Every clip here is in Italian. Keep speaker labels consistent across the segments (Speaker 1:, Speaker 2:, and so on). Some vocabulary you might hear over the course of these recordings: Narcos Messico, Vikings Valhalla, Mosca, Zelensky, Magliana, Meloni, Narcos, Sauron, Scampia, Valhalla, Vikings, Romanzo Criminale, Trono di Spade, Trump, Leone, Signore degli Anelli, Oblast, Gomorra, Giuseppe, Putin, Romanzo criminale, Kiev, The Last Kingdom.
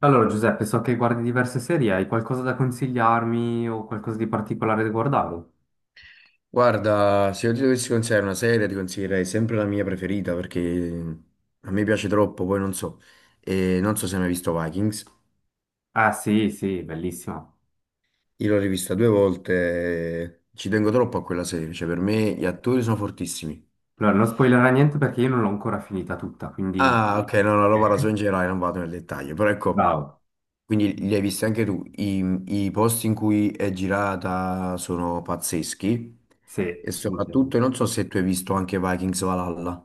Speaker 1: Allora, Giuseppe, so che guardi diverse serie, hai qualcosa da consigliarmi o qualcosa di particolare da guardare?
Speaker 2: Guarda, se io ti dovessi consigliare una serie, ti consiglierei sempre la mia preferita perché a me piace troppo, poi non so. E non so se hai mai visto Vikings.
Speaker 1: Ah, sì, sì, bellissima.
Speaker 2: Io l'ho rivista due volte, ci tengo troppo a quella serie, cioè per me gli attori sono fortissimi.
Speaker 1: Allora, non spoilerà niente perché io non l'ho ancora finita tutta, quindi...
Speaker 2: Ah, ok, no, no, lo parlo solo in generale, non vado nel dettaglio, però ecco,
Speaker 1: Bravo.
Speaker 2: quindi li hai visti anche tu. I posti in cui è girata sono pazzeschi
Speaker 1: Sì,
Speaker 2: e
Speaker 1: confermo.
Speaker 2: soprattutto, non so se tu hai visto anche Vikings Valhalla.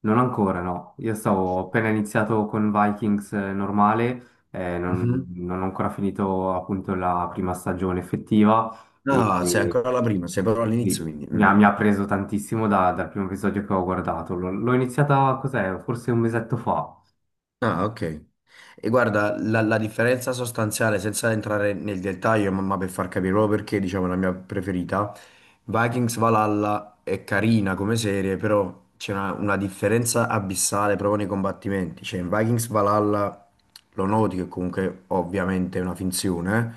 Speaker 1: Non ancora, no. Io stavo ho appena iniziato con Vikings normale,
Speaker 2: Mhm.
Speaker 1: non ho ancora finito appunto la prima stagione effettiva
Speaker 2: No, sei
Speaker 1: e,
Speaker 2: ancora alla prima, sei proprio all'inizio
Speaker 1: lì.
Speaker 2: quindi. Mm.
Speaker 1: Mi ha preso tantissimo dal primo episodio che ho guardato. L'ho iniziata, cos'è? Forse un mesetto fa.
Speaker 2: Ah, ok. E guarda, la differenza sostanziale, senza entrare nel dettaglio, ma per far capire proprio perché, diciamo, è la mia preferita, Vikings Valhalla è carina come serie, però c'è una differenza abissale proprio nei combattimenti. Cioè, in Vikings Valhalla lo noti che comunque ovviamente è una finzione,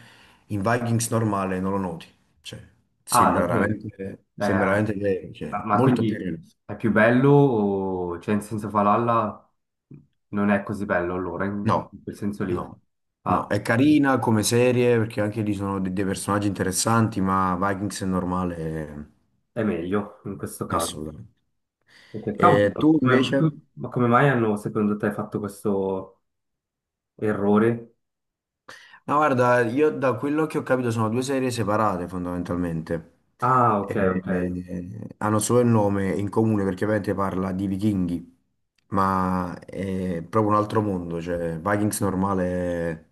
Speaker 2: in Vikings normale non lo noti. Cioè,
Speaker 1: Davvero?
Speaker 2: sembra veramente vero, cioè,
Speaker 1: Ma
Speaker 2: molto più
Speaker 1: quindi
Speaker 2: realistico.
Speaker 1: è più bello o cioè in senso Valhalla non è così bello allora, in,
Speaker 2: No,
Speaker 1: in quel senso lì.
Speaker 2: no, no,
Speaker 1: Ah,
Speaker 2: è carina come serie perché anche lì sono dei personaggi interessanti, ma Vikings è normale,
Speaker 1: è meglio in questo caso.
Speaker 2: assolutamente.
Speaker 1: Ok, cavolo,
Speaker 2: E tu invece?
Speaker 1: ma come mai hanno secondo te fatto questo errore?
Speaker 2: No, guarda, io da quello che ho capito sono due serie separate fondamentalmente.
Speaker 1: Ah, ok,
Speaker 2: Eh,
Speaker 1: ok.
Speaker 2: hanno solo il nome in comune perché ovviamente parla di vichinghi, ma è proprio un altro mondo, cioè Vikings normale è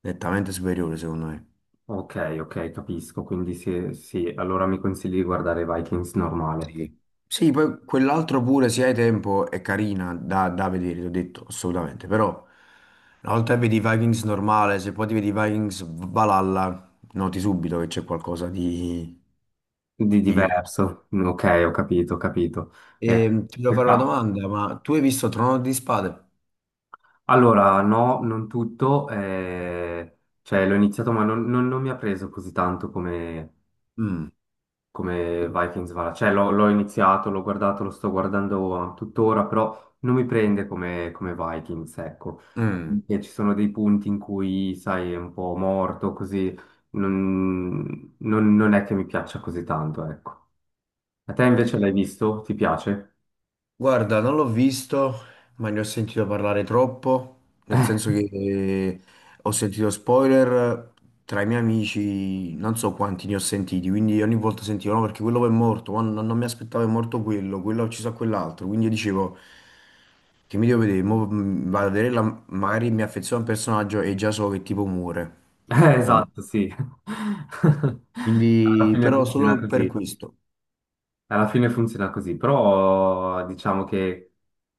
Speaker 2: nettamente superiore secondo me.
Speaker 1: Ok, ok, capisco. Quindi sì, sì, allora mi consigli di guardare Vikings normale.
Speaker 2: Sì. Sì, poi quell'altro pure, se hai tempo, è carina da vedere, ti ho detto, assolutamente. Però, una volta che vedi i Vikings normale, se poi ti vedi i Vikings Valhalla, noti subito che c'è qualcosa
Speaker 1: Di
Speaker 2: di diverso.
Speaker 1: diverso. Ok, ho capito, ho capito. Eh,
Speaker 2: E ti devo fare una
Speaker 1: peccato.
Speaker 2: domanda, ma tu hai visto Trono di Spade?
Speaker 1: Allora, no, non tutto. Cioè, l'ho iniziato, ma non mi ha preso così tanto come,
Speaker 2: Mm,
Speaker 1: come Vikings Valhalla. Cioè, l'ho iniziato, l'ho guardato, lo sto guardando tuttora, però non mi prende come, come Vikings, ecco.
Speaker 2: mm.
Speaker 1: E ci sono dei punti in cui, sai, è un po' morto, così non è che mi piaccia così tanto, ecco. A te invece l'hai visto? Ti piace?
Speaker 2: Guarda, non l'ho visto, ma ne ho sentito parlare troppo, nel senso che ho sentito spoiler tra i miei amici, non so quanti ne ho sentiti, quindi ogni volta sentivo, no, perché quello poi è morto, ma non, non mi aspettavo è morto quello, quello ha ucciso a quell'altro, quindi io dicevo che mi devo vedere, vado a vedere, magari mi affeziono a un personaggio e già so che tipo muore.
Speaker 1: Esatto, sì. Alla
Speaker 2: Quindi,
Speaker 1: fine
Speaker 2: però
Speaker 1: funziona
Speaker 2: solo per
Speaker 1: così.
Speaker 2: questo.
Speaker 1: Alla fine funziona così, però diciamo che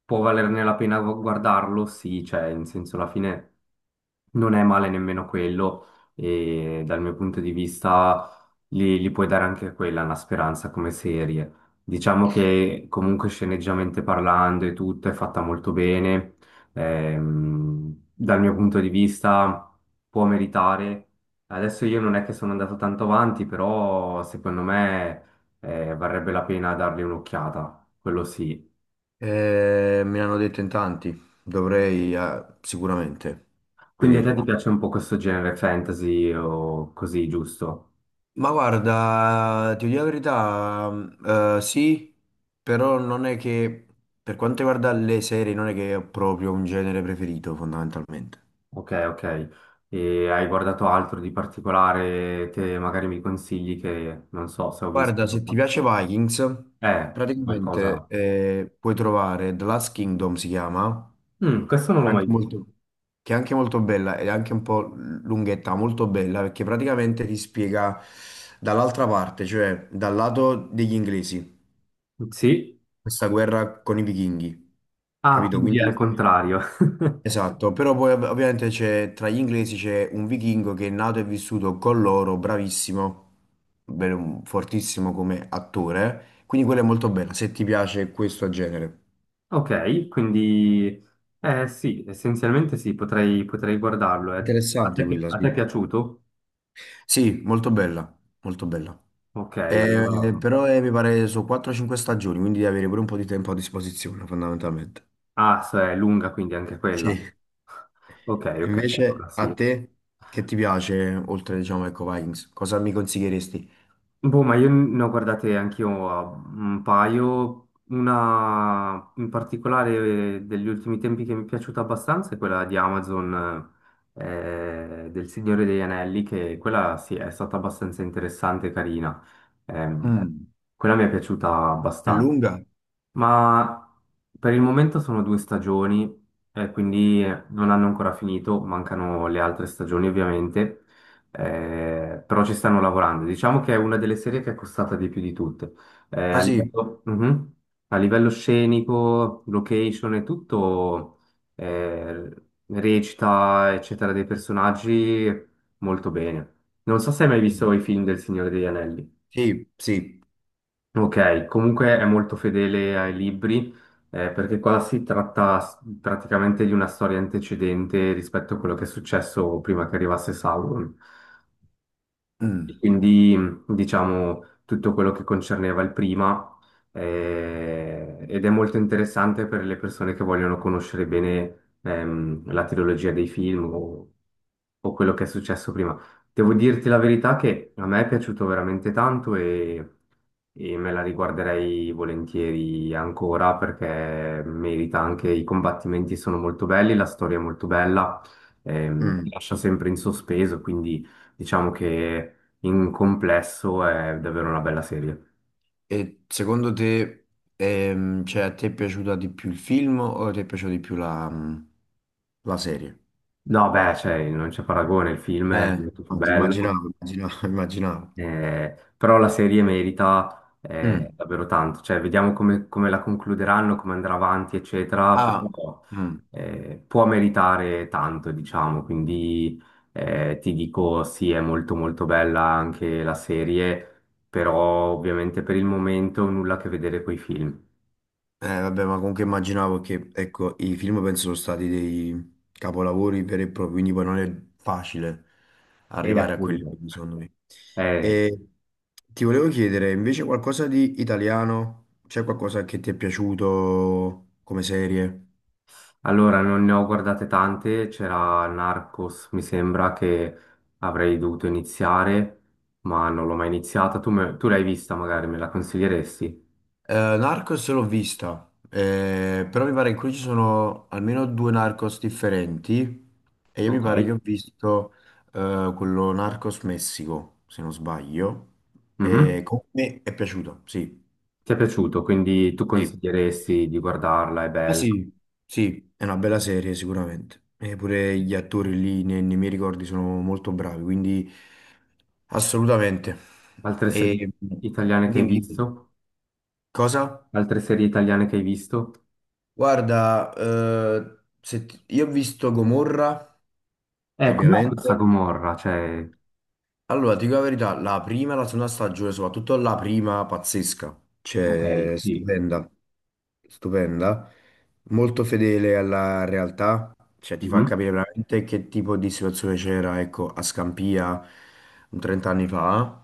Speaker 1: può valerne la pena guardarlo, sì, cioè, in senso, alla fine non è male nemmeno quello e dal mio punto di vista li, li puoi dare anche quella una speranza come serie. Diciamo che comunque sceneggiamente parlando e tutto è fatta molto bene. Dal mio punto di vista può meritare. Adesso io non è che sono andato tanto avanti, però secondo me varrebbe la pena dargli un'occhiata, quello sì.
Speaker 2: Me l'hanno detto in tanti, dovrei sicuramente
Speaker 1: Quindi a te ti
Speaker 2: vederla.
Speaker 1: piace un po' questo genere fantasy o così, giusto?
Speaker 2: Ma guarda, ti dico la verità, sì, però non è che, per quanto riguarda le serie, non è che ho proprio un genere preferito, fondamentalmente.
Speaker 1: Ok, ok. E hai guardato altro di particolare che magari mi consigli che non so se ho visto?
Speaker 2: Guarda, se ti
Speaker 1: No?
Speaker 2: piace Vikings,
Speaker 1: C'è
Speaker 2: praticamente
Speaker 1: qualcosa.
Speaker 2: puoi trovare The Last Kingdom, si chiama,
Speaker 1: Mm, questo non l'ho
Speaker 2: anche
Speaker 1: mai visto.
Speaker 2: molto... che è anche molto bella ed è anche un po' lunghetta, molto bella perché praticamente ti spiega dall'altra parte, cioè dal lato degli inglesi,
Speaker 1: Sì.
Speaker 2: questa guerra con i vichinghi,
Speaker 1: Ah,
Speaker 2: capito?
Speaker 1: quindi è
Speaker 2: Quindi
Speaker 1: al contrario.
Speaker 2: esatto, però poi ovviamente c'è tra gli inglesi c'è un vichingo che è nato e vissuto con loro, bravissimo, bene, fortissimo come attore, quindi quella è molto bella, se ti piace questo genere.
Speaker 1: Ok, quindi eh sì, essenzialmente sì, potrei, potrei guardarlo. A
Speaker 2: Interessante
Speaker 1: te,
Speaker 2: quella,
Speaker 1: a te è
Speaker 2: sì.
Speaker 1: piaciuto?
Speaker 2: Sì, molto bella, molto bella.
Speaker 1: Ok,
Speaker 2: Eh,
Speaker 1: allora.
Speaker 2: però eh, mi pare su 4-5 stagioni, quindi devi avere pure un po' di tempo a disposizione, fondamentalmente.
Speaker 1: Ah, se è lunga quindi anche quella.
Speaker 2: Sì.
Speaker 1: Ok, ok, allora
Speaker 2: Invece a
Speaker 1: sì.
Speaker 2: te, che ti piace, oltre, diciamo, ecco, Vikings, cosa mi consiglieresti?
Speaker 1: Boh, ma io ne ho guardate anch'io un paio. Una in particolare degli ultimi tempi che mi è piaciuta abbastanza è quella di Amazon, del Signore degli Anelli, che quella sì è stata abbastanza interessante e carina. Ehm,
Speaker 2: Mm.
Speaker 1: Quella mi è piaciuta
Speaker 2: È
Speaker 1: abbastanza.
Speaker 2: lunga?
Speaker 1: Ma per il momento sono due stagioni, quindi non hanno ancora finito, mancano le altre stagioni ovviamente, però ci stanno lavorando. Diciamo che è una delle serie che è costata di più di tutte.
Speaker 2: Ah
Speaker 1: A
Speaker 2: sì,
Speaker 1: livello, mhm. A livello scenico, location e tutto, eh, recita, eccetera, dei personaggi molto bene. Non so se hai mai
Speaker 2: mm,
Speaker 1: visto i film del Signore degli Anelli.
Speaker 2: sì, sì.
Speaker 1: Ok, comunque è molto fedele ai libri, perché qua si tratta praticamente di una storia antecedente rispetto a quello che è successo prima che arrivasse Sauron. E
Speaker 2: Mm.
Speaker 1: quindi, diciamo, tutto quello che concerneva il prima, ed è molto interessante per le persone che vogliono conoscere bene, la trilogia dei film o quello che è successo prima. Devo dirti la verità che a me è piaciuto veramente tanto e me la riguarderei volentieri ancora perché merita, anche i combattimenti sono molto belli, la storia è molto bella, ti
Speaker 2: Mm.
Speaker 1: lascia sempre in sospeso, quindi diciamo che in complesso è davvero una bella serie.
Speaker 2: E secondo te, cioè, a te è piaciuta di più il film o ti è piaciuta di più la serie?
Speaker 1: No, beh, cioè, non c'è paragone, il film è
Speaker 2: Eh,
Speaker 1: molto più bello,
Speaker 2: immaginavo, immaginavo, immaginavo.
Speaker 1: però la serie merita
Speaker 2: Mm.
Speaker 1: davvero tanto. Cioè, vediamo come, come la concluderanno, come andrà avanti, eccetera,
Speaker 2: Ah,
Speaker 1: però
Speaker 2: mm.
Speaker 1: può meritare tanto, diciamo. Quindi ti dico, sì, è molto molto bella anche la serie, però ovviamente per il momento nulla a che vedere coi film.
Speaker 2: Vabbè, ma comunque immaginavo che, ecco, i film penso sono stati dei capolavori veri e propri, quindi poi non è facile
Speaker 1: E
Speaker 2: arrivare a quelli
Speaker 1: appunto.
Speaker 2: che secondo me.
Speaker 1: Eh,
Speaker 2: E ti volevo chiedere, invece, qualcosa di italiano? C'è qualcosa che ti è piaciuto come serie?
Speaker 1: Allora, non ne ho guardate tante, c'era Narcos, mi sembra che avrei dovuto iniziare, ma non l'ho mai iniziata. Tu, tu l'hai vista, magari me la consiglieresti?
Speaker 2: Narcos l'ho vista, però mi pare che qui ci sono almeno due Narcos differenti e io mi
Speaker 1: Ok.
Speaker 2: pare che ho visto quello Narcos Messico, se non sbaglio, e
Speaker 1: Mhm.
Speaker 2: comunque mi è piaciuto, sì.
Speaker 1: Ti è piaciuto, quindi tu
Speaker 2: Sì.
Speaker 1: consiglieresti di guardarla, è
Speaker 2: Ma
Speaker 1: bella.
Speaker 2: sì, sì, è una bella serie sicuramente. E pure gli attori lì nei miei ricordi sono molto bravi, quindi assolutamente.
Speaker 1: Altre serie
Speaker 2: E dimmi,
Speaker 1: italiane che hai
Speaker 2: dimmi,
Speaker 1: visto?
Speaker 2: cosa?
Speaker 1: Altre serie italiane che hai visto?
Speaker 2: Guarda, se ti- io ho visto Gomorra,
Speaker 1: Com'è questa
Speaker 2: ovviamente.
Speaker 1: Gomorra? Cioè...
Speaker 2: Allora, ti dico la verità, la prima e la seconda stagione, soprattutto la prima, pazzesca.
Speaker 1: Ok,
Speaker 2: Cioè,
Speaker 1: sì.
Speaker 2: stupenda, stupenda. Molto fedele alla realtà, cioè ti fa
Speaker 1: Mhm.
Speaker 2: capire veramente che tipo di situazione c'era, ecco, a Scampia un 30 anni fa.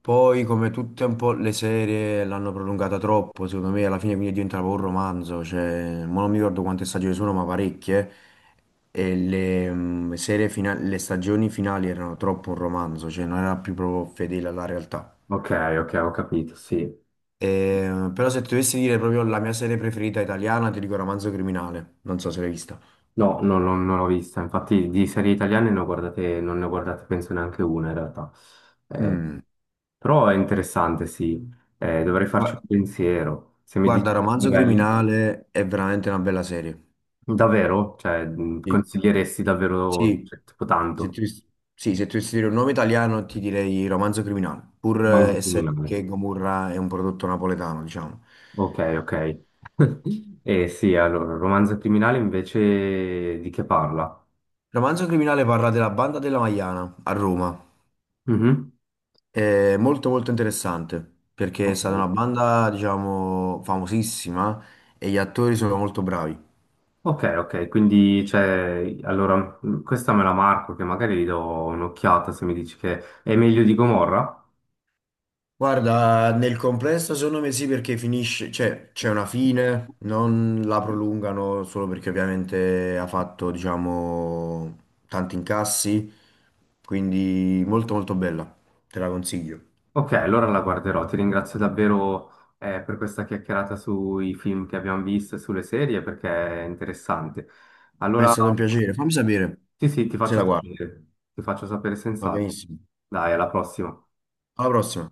Speaker 2: Poi, come tutte un po' le serie, l'hanno prolungata troppo, secondo me, alla fine quindi diventava un romanzo, cioè, mo non mi ricordo quante stagioni sono, ma parecchie, e le stagioni finali erano troppo un romanzo, cioè non era più proprio fedele alla realtà.
Speaker 1: Ok, ok, ho capito, sì.
Speaker 2: Però se ti dovessi dire proprio la mia serie preferita italiana, ti dico Romanzo Criminale, non so se l'hai vista.
Speaker 1: No, no, no, non l'ho vista. Infatti di serie italiane ne ho guardate, non ne ho guardate penso neanche una in realtà. Eh,
Speaker 2: Mm.
Speaker 1: Però è interessante, sì. Dovrei farci un
Speaker 2: Gua-
Speaker 1: pensiero. Se mi
Speaker 2: Guarda,
Speaker 1: dici che sono
Speaker 2: Romanzo
Speaker 1: belle,
Speaker 2: Criminale è veramente una bella serie.
Speaker 1: davvero? Cioè,
Speaker 2: Sì.
Speaker 1: consiglieresti davvero,
Speaker 2: Sì,
Speaker 1: cioè, tipo tanto,
Speaker 2: se tu dovessi dire un nome italiano ti direi Romanzo Criminale, pur
Speaker 1: romanzo
Speaker 2: essendo
Speaker 1: criminale.
Speaker 2: che Gomorra è un prodotto napoletano, diciamo.
Speaker 1: Ok, ok. Eh sì, allora, romanzo criminale invece di che parla?
Speaker 2: Romanzo Criminale parla della banda della Magliana a Roma.
Speaker 1: Mhm.
Speaker 2: È molto molto interessante perché è
Speaker 1: Ok.
Speaker 2: stata una banda, diciamo, famosissima e gli attori sono molto bravi.
Speaker 1: Ok, ok, quindi cioè, allora questa me la marco che magari gli do un'occhiata se mi dici che è meglio di Gomorra.
Speaker 2: Guarda, nel complesso secondo me sì perché finisce, cioè c'è una fine, non la prolungano solo perché ovviamente ha fatto, diciamo, tanti incassi, quindi molto molto bella, te la consiglio.
Speaker 1: Ok, allora la guarderò. Ti ringrazio davvero per questa chiacchierata sui film che abbiamo visto e sulle serie perché è interessante.
Speaker 2: Mi è
Speaker 1: Allora,
Speaker 2: stato un piacere, fammi sapere
Speaker 1: sì, sì,
Speaker 2: se la guardi,
Speaker 1: ti faccio sapere
Speaker 2: va
Speaker 1: senz'altro.
Speaker 2: benissimo.
Speaker 1: Dai, alla prossima.
Speaker 2: Alla prossima.